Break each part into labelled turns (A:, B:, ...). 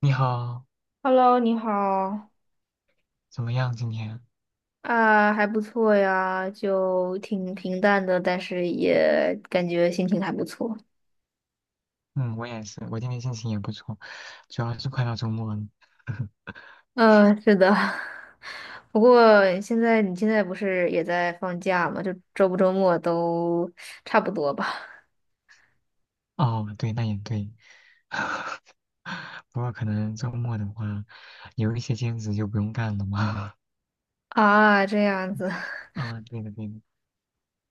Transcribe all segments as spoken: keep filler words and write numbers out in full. A: 你好，
B: Hello，你好。
A: 怎么样今天？
B: 啊，还不错呀，就挺平淡的，但是也感觉心情还不错。
A: 嗯，我也是，我今天心情也不错，主要是快到周末了。
B: 嗯，是的。不过现在你现在不是也在放假吗？就周不周末都差不多吧。
A: 哦，对，那也对。不过可能周末的话，有一些兼职就不用干了嘛。
B: 啊，这样子。
A: 啊，对的对的。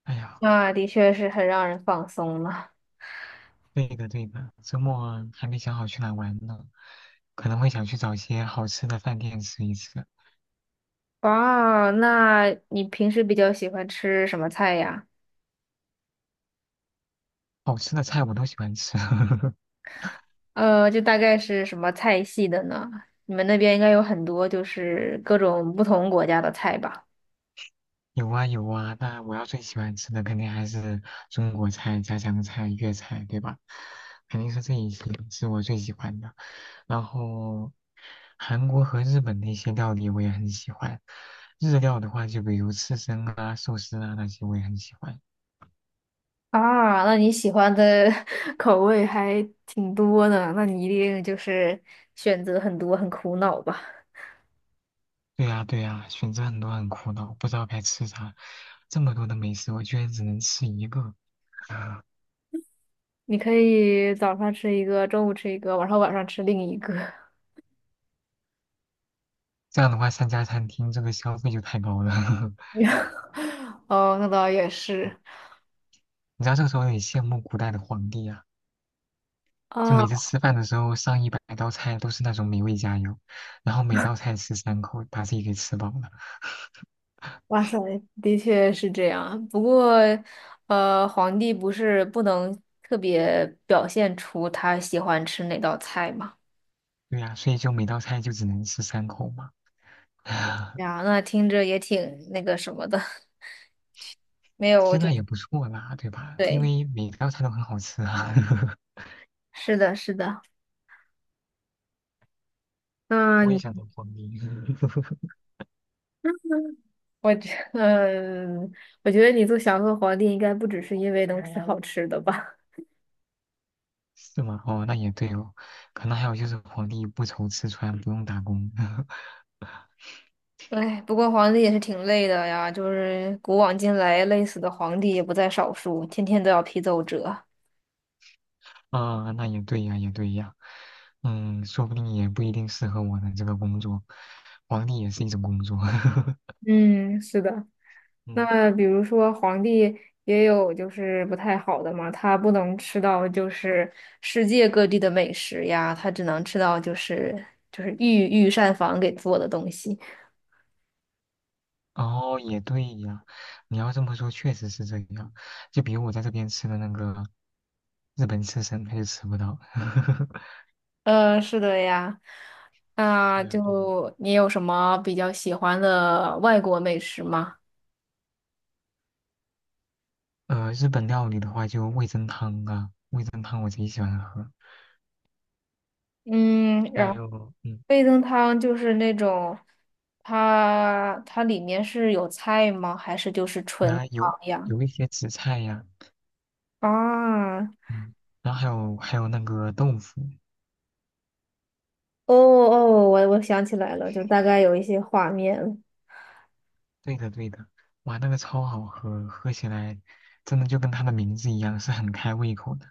A: 哎 呀，
B: 那的确是很让人放松了。
A: 对的对的，周末还没想好去哪玩呢，可能会想去找一些好吃的饭店吃一吃。
B: 哇，那你平时比较喜欢吃什么菜呀？
A: 好吃的菜我都喜欢吃。
B: 呃，就大概是什么菜系的呢？你们那边应该有很多，就是各种不同国家的菜吧？
A: 有啊有啊，那我要最喜欢吃的肯定还是中国菜、家乡菜、粤菜，对吧？肯定是这一些是我最喜欢的。然后韩国和日本的一些料理我也很喜欢，日料的话就比如刺身啊、寿司啊那些我也很喜欢。
B: 啊，那你喜欢的 口味还挺多呢，那你一定就是选择很多，很苦恼吧？
A: 对呀对呀，选择很多很苦恼，不知道该吃啥。这么多的美食，我居然只能吃一个。啊，
B: 你可以早上吃一个，中午吃一个，晚上晚上吃另一个。
A: 这样的话，三家餐厅这个消费就太高了。
B: 哦，那倒也是。
A: 你知道这个时候有羡慕古代的皇帝啊。就每次
B: 啊。
A: 吃饭的时候，上一百道菜都是那种美味佳肴，然后每道菜吃三口，把自己给吃饱了。
B: 哇塞，的确是这样。不过，呃，皇帝不是不能特别表现出他喜欢吃哪道菜吗？
A: 对呀，所以就每道菜就只能吃三口嘛。
B: 哎 呀，那听着也挺那个什么的。没有，
A: 其
B: 我
A: 实
B: 就
A: 那也不错啦，对吧？因
B: 对，
A: 为每道菜都很好吃啊。
B: 是的，是的。那
A: 我也
B: 你，
A: 想当皇帝。
B: 我觉，嗯，我觉得你做祥和皇帝应该不只是因为能吃好吃的吧？
A: 是吗？哦，那也对哦。可能还有就是皇帝不愁吃穿，不用打工。
B: 哎，不过皇帝也是挺累的呀，就是古往今来累死的皇帝也不在少数，天天都要批奏折。
A: 啊，那也对呀，也对呀。嗯，说不定也不一定适合我的这个工作，皇帝也是一种工作。
B: 嗯，是的。那
A: 嗯。
B: 么比如说皇帝也有就是不太好的嘛，他不能吃到就是世界各地的美食呀，他只能吃到就是就是御御膳房给做的东西。
A: 哦，也对呀，你要这么说，确实是这样。就比如我在这边吃的那个日本刺身，他就吃不到。
B: 呃，是的呀。啊，
A: 对呀，对呀，
B: 就你有什么比较喜欢的外国美食吗？
A: 呃，日本料理的话，就味增汤啊，味增汤我贼喜欢喝。
B: 嗯，然
A: 还
B: 后
A: 有，嗯，
B: 味噌汤就是那种，它它里面是有菜吗？还是就是纯
A: 原来有
B: 汤呀？
A: 有一些紫菜呀，
B: 啊。
A: 嗯，然后还有还有那个豆腐，
B: 哦哦，我我想起来了，就大概有一些画面了。
A: 对的对的，哇，那个超好喝，喝起来真的就跟它的名字一样，是很开胃口的。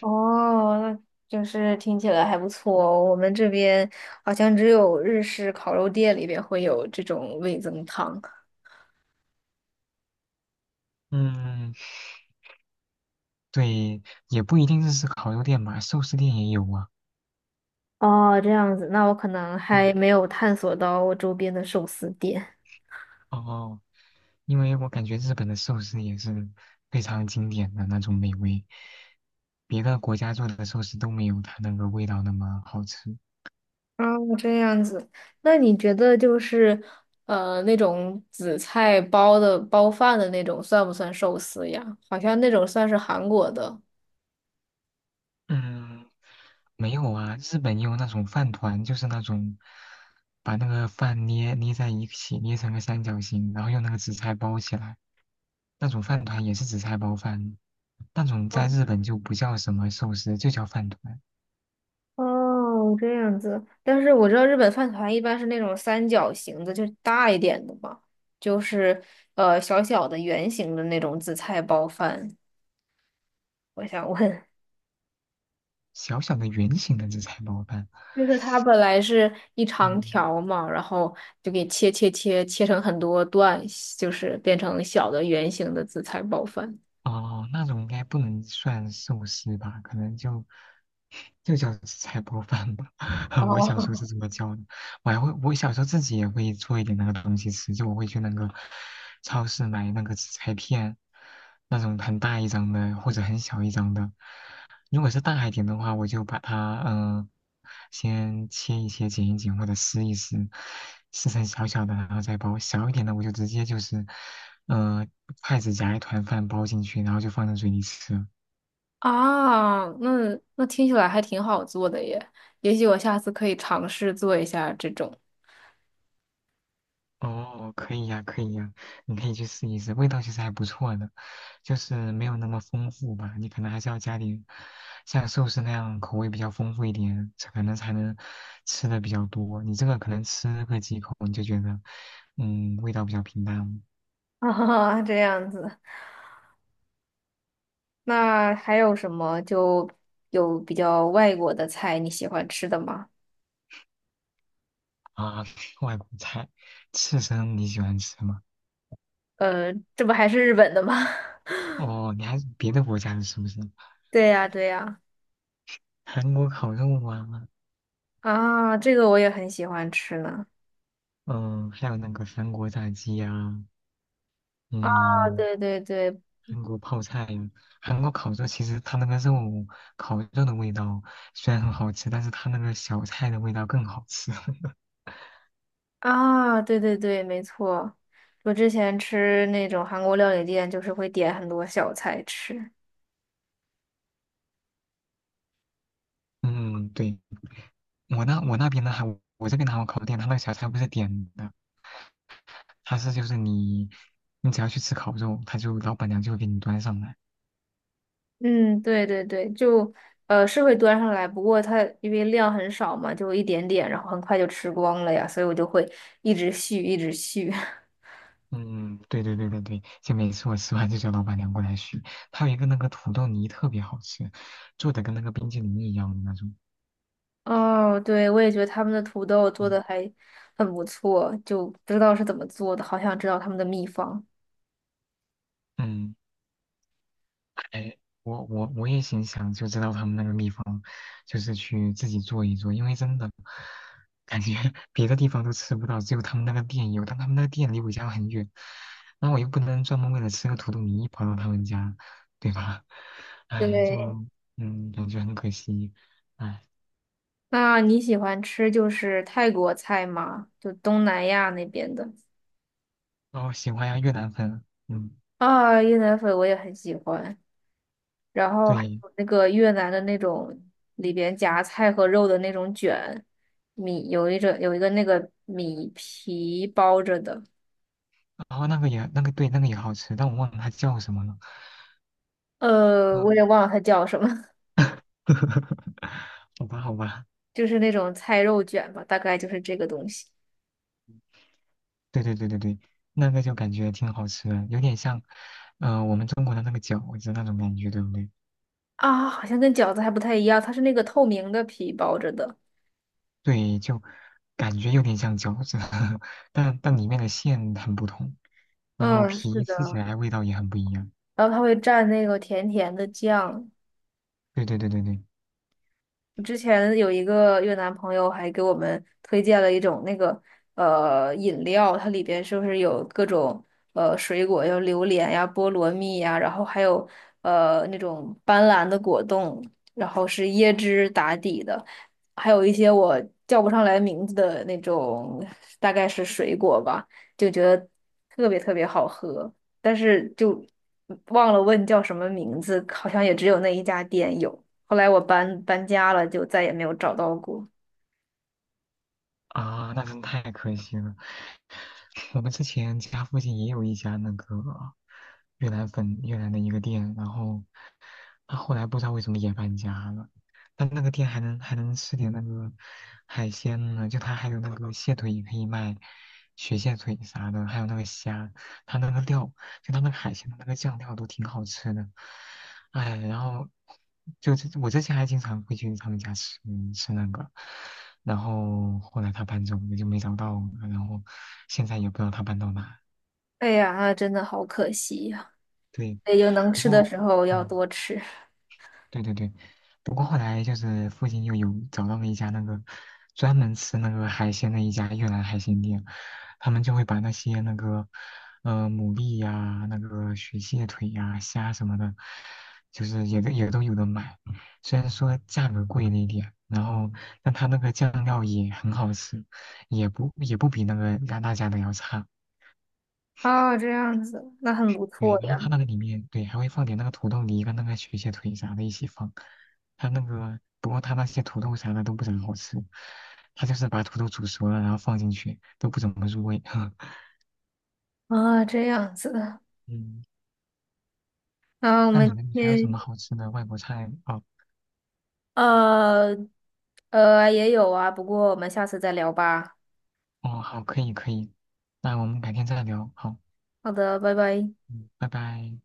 B: 哦，那就是听起来还不错哦。我们这边好像只有日式烤肉店里边会有这种味增汤。
A: 嗯，对，也不一定是是烤肉店吧，寿司店也有啊。
B: 哦，这样子，那我可能
A: 对啊。
B: 还没有探索到我周边的寿司店。
A: 哦，因为我感觉日本的寿司也是非常经典的那种美味，别的国家做的寿司都没有它那个味道那么好吃。
B: 哦，这样子，那你觉得就是呃那种紫菜包的包饭的那种算不算寿司呀？好像那种算是韩国的。
A: 嗯，没有啊，日本也有那种饭团，就是那种把那个饭捏捏在一起，捏成个三角形，然后用那个紫菜包起来，那种饭团也是紫菜包饭，那种在日本就不叫什么寿司，就叫饭团，
B: 哦，这样子。但是我知道日本饭团一般是那种三角形的，就是大一点的嘛，就是呃小小的圆形的那种紫菜包饭。我想问，
A: 小小的圆形的紫菜包饭。
B: 就是它本来是一长
A: 嗯。
B: 条嘛，然后就给切切切切成很多段，就是变成小的圆形的紫菜包饭。
A: 哦，那种应该不能算寿司吧？可能就，就叫菜包饭吧。我小时候是
B: 哦，
A: 这么叫的。我还会，我小时候自己也会做一点那个东西吃，就我会去那个超市买那个紫菜片，那种很大一张的或者很小一张的。如果是大一点的话，我就把它嗯、呃先切一切、剪一剪或者撕一撕，撕成小小的，然后再包。小一点的我就直接就是，嗯，筷子夹一团饭包进去，然后就放在嘴里吃。
B: 啊，那那听起来还挺好做的耶，也许我下次可以尝试做一下这种。
A: 哦，可以呀，可以呀，你可以去试一试，味道其实还不错的，就是没有那么丰富吧，你可能还是要加点像寿司那样口味比较丰富一点，才可能才能吃的比较多。你这个可能吃个几口你就觉得，嗯，味道比较平淡了。
B: 啊，这样子。那还有什么就有比较外国的菜你喜欢吃的吗？
A: 啊，外国菜，刺身你喜欢吃吗？
B: 呃，这不还是日本的吗？
A: 哦，你还是别的国家的是不是？
B: 对呀，对呀，
A: 韩国烤肉啊，
B: 啊，这个我也很喜欢吃呢。
A: 嗯，还有那个韩国炸鸡呀、
B: 啊，
A: 嗯、
B: 对对对。
A: 韩国泡菜呀，韩国烤肉其实它那个肉烤肉的味道虽然很好吃，但是它那个小菜的味道更好吃。
B: 啊，对对对，没错。我之前吃那种韩国料理店，就是会点很多小菜吃。
A: 嗯，对，我那我那边的还我这边的韩国烤肉店，它那个小菜不是点的，它是就是你你只要去吃烤肉，它就老板娘就会给你端上来。
B: 嗯，对对对，就呃是会端上来，不过它因为量很少嘛，就一点点，然后很快就吃光了呀，所以我就会一直续，一直续。
A: 嗯，对对对对对，就每次我吃完就叫老板娘过来续。它有一个那个土豆泥特别好吃，做的跟那个冰淇淋一样的那种。
B: 哦，对，我也觉得他们的土豆做
A: 嗯
B: 的还很不错，就不知道是怎么做的，好想知道他们的秘方。
A: 嗯。哎，我我我也挺想就知道他们那个秘方，就是去自己做一做，因为真的感觉 别的地方都吃不到，只有他们那个店有，但他们那个店离我家很远，那我又不能专门为了吃个土豆泥跑到他们家，对吧？哎，
B: 对，
A: 就嗯，感觉很可惜，哎，
B: 那你喜欢吃就是泰国菜吗？就东南亚那边的。
A: 然后喜欢呀越南粉，嗯，
B: 啊，越南粉我也很喜欢，然后还
A: 对，
B: 有那个越南的那种里边夹菜和肉的那种卷米，有一种有一个那个米皮包着的，
A: 然后那个也那个对那个也好吃，但我忘了它叫什么了，
B: 呃，
A: 嗯，
B: 我也忘了它叫什么。
A: 好吧好吧。
B: 就是那种菜肉卷吧，大概就是这个东西。
A: 对对对对对，那个就感觉挺好吃的，有点像，呃，我们中国的那个饺子那种感觉，对不对？
B: 啊，好像跟饺子还不太一样，它是那个透明的皮包着的。
A: 对，就感觉有点像饺子，但但里面的馅很不同，然后
B: 嗯，是
A: 皮吃起
B: 的。
A: 来味道也很不一样。
B: 然后它会蘸那个甜甜的酱，
A: 对对对对对，
B: 之前有一个越南朋友还给我们推荐了一种那个呃饮料，它里边是不是有各种呃水果，有榴莲呀、菠萝蜜呀，然后还有呃那种斑斓的果冻，然后是椰汁打底的，还有一些我叫不上来名字的那种，大概是水果吧，就觉得特别特别好喝，但是就嗯忘了问叫什么名字，好像也只有那一家店有。后来我搬搬家了，就再也没有找到过。
A: 啊，那真太可惜了。我们之前家附近也有一家那个越南粉越南的一个店，然后他后来不知道为什么也搬家了，但那个店还能还能吃点那个海鲜呢，就他还有那个蟹腿也可以卖，雪蟹腿啥的，还有那个虾，他那个料就他那个海鲜的那个酱料都挺好吃的，哎，然后就这我之前还经常会去他们家吃吃那个，然后后来他搬走我就没找到了，然后现在也不知道他搬到哪。
B: 哎呀，真的好可惜呀！
A: 对，
B: 也就能
A: 不
B: 吃的
A: 过
B: 时候要
A: 嗯。
B: 多吃。
A: 对对对，不过后来就是附近又有找到了一家那个专门吃那个海鲜的一家越南海鲜店，他们就会把那些那个呃牡蛎呀、那个雪蟹腿呀、虾什么的，就是也都也都有的买，虽然说价格贵了一点，然后但它那个酱料也很好吃，也不也不比那个鸭大家的要差。
B: 啊，这样子，那很不
A: 对，
B: 错
A: 然后它
B: 呀。
A: 那个里面，对，还会放点那个土豆泥跟那个雪血腿啥的一起放。它那个，不过它那些土豆啥的都不怎么好吃，它就是把土豆煮熟了，然后放进去，都不怎么入味。
B: 啊，这样子。
A: 嗯，
B: 啊，我
A: 那你
B: 们
A: 们
B: 今
A: 还有什么
B: 天
A: 好吃的外国菜？哦
B: 呃呃也有啊，不过我们下次再聊吧。
A: 哦，好，可以可以，那我们改天再聊。好，
B: 好的，拜拜。
A: 嗯，拜拜。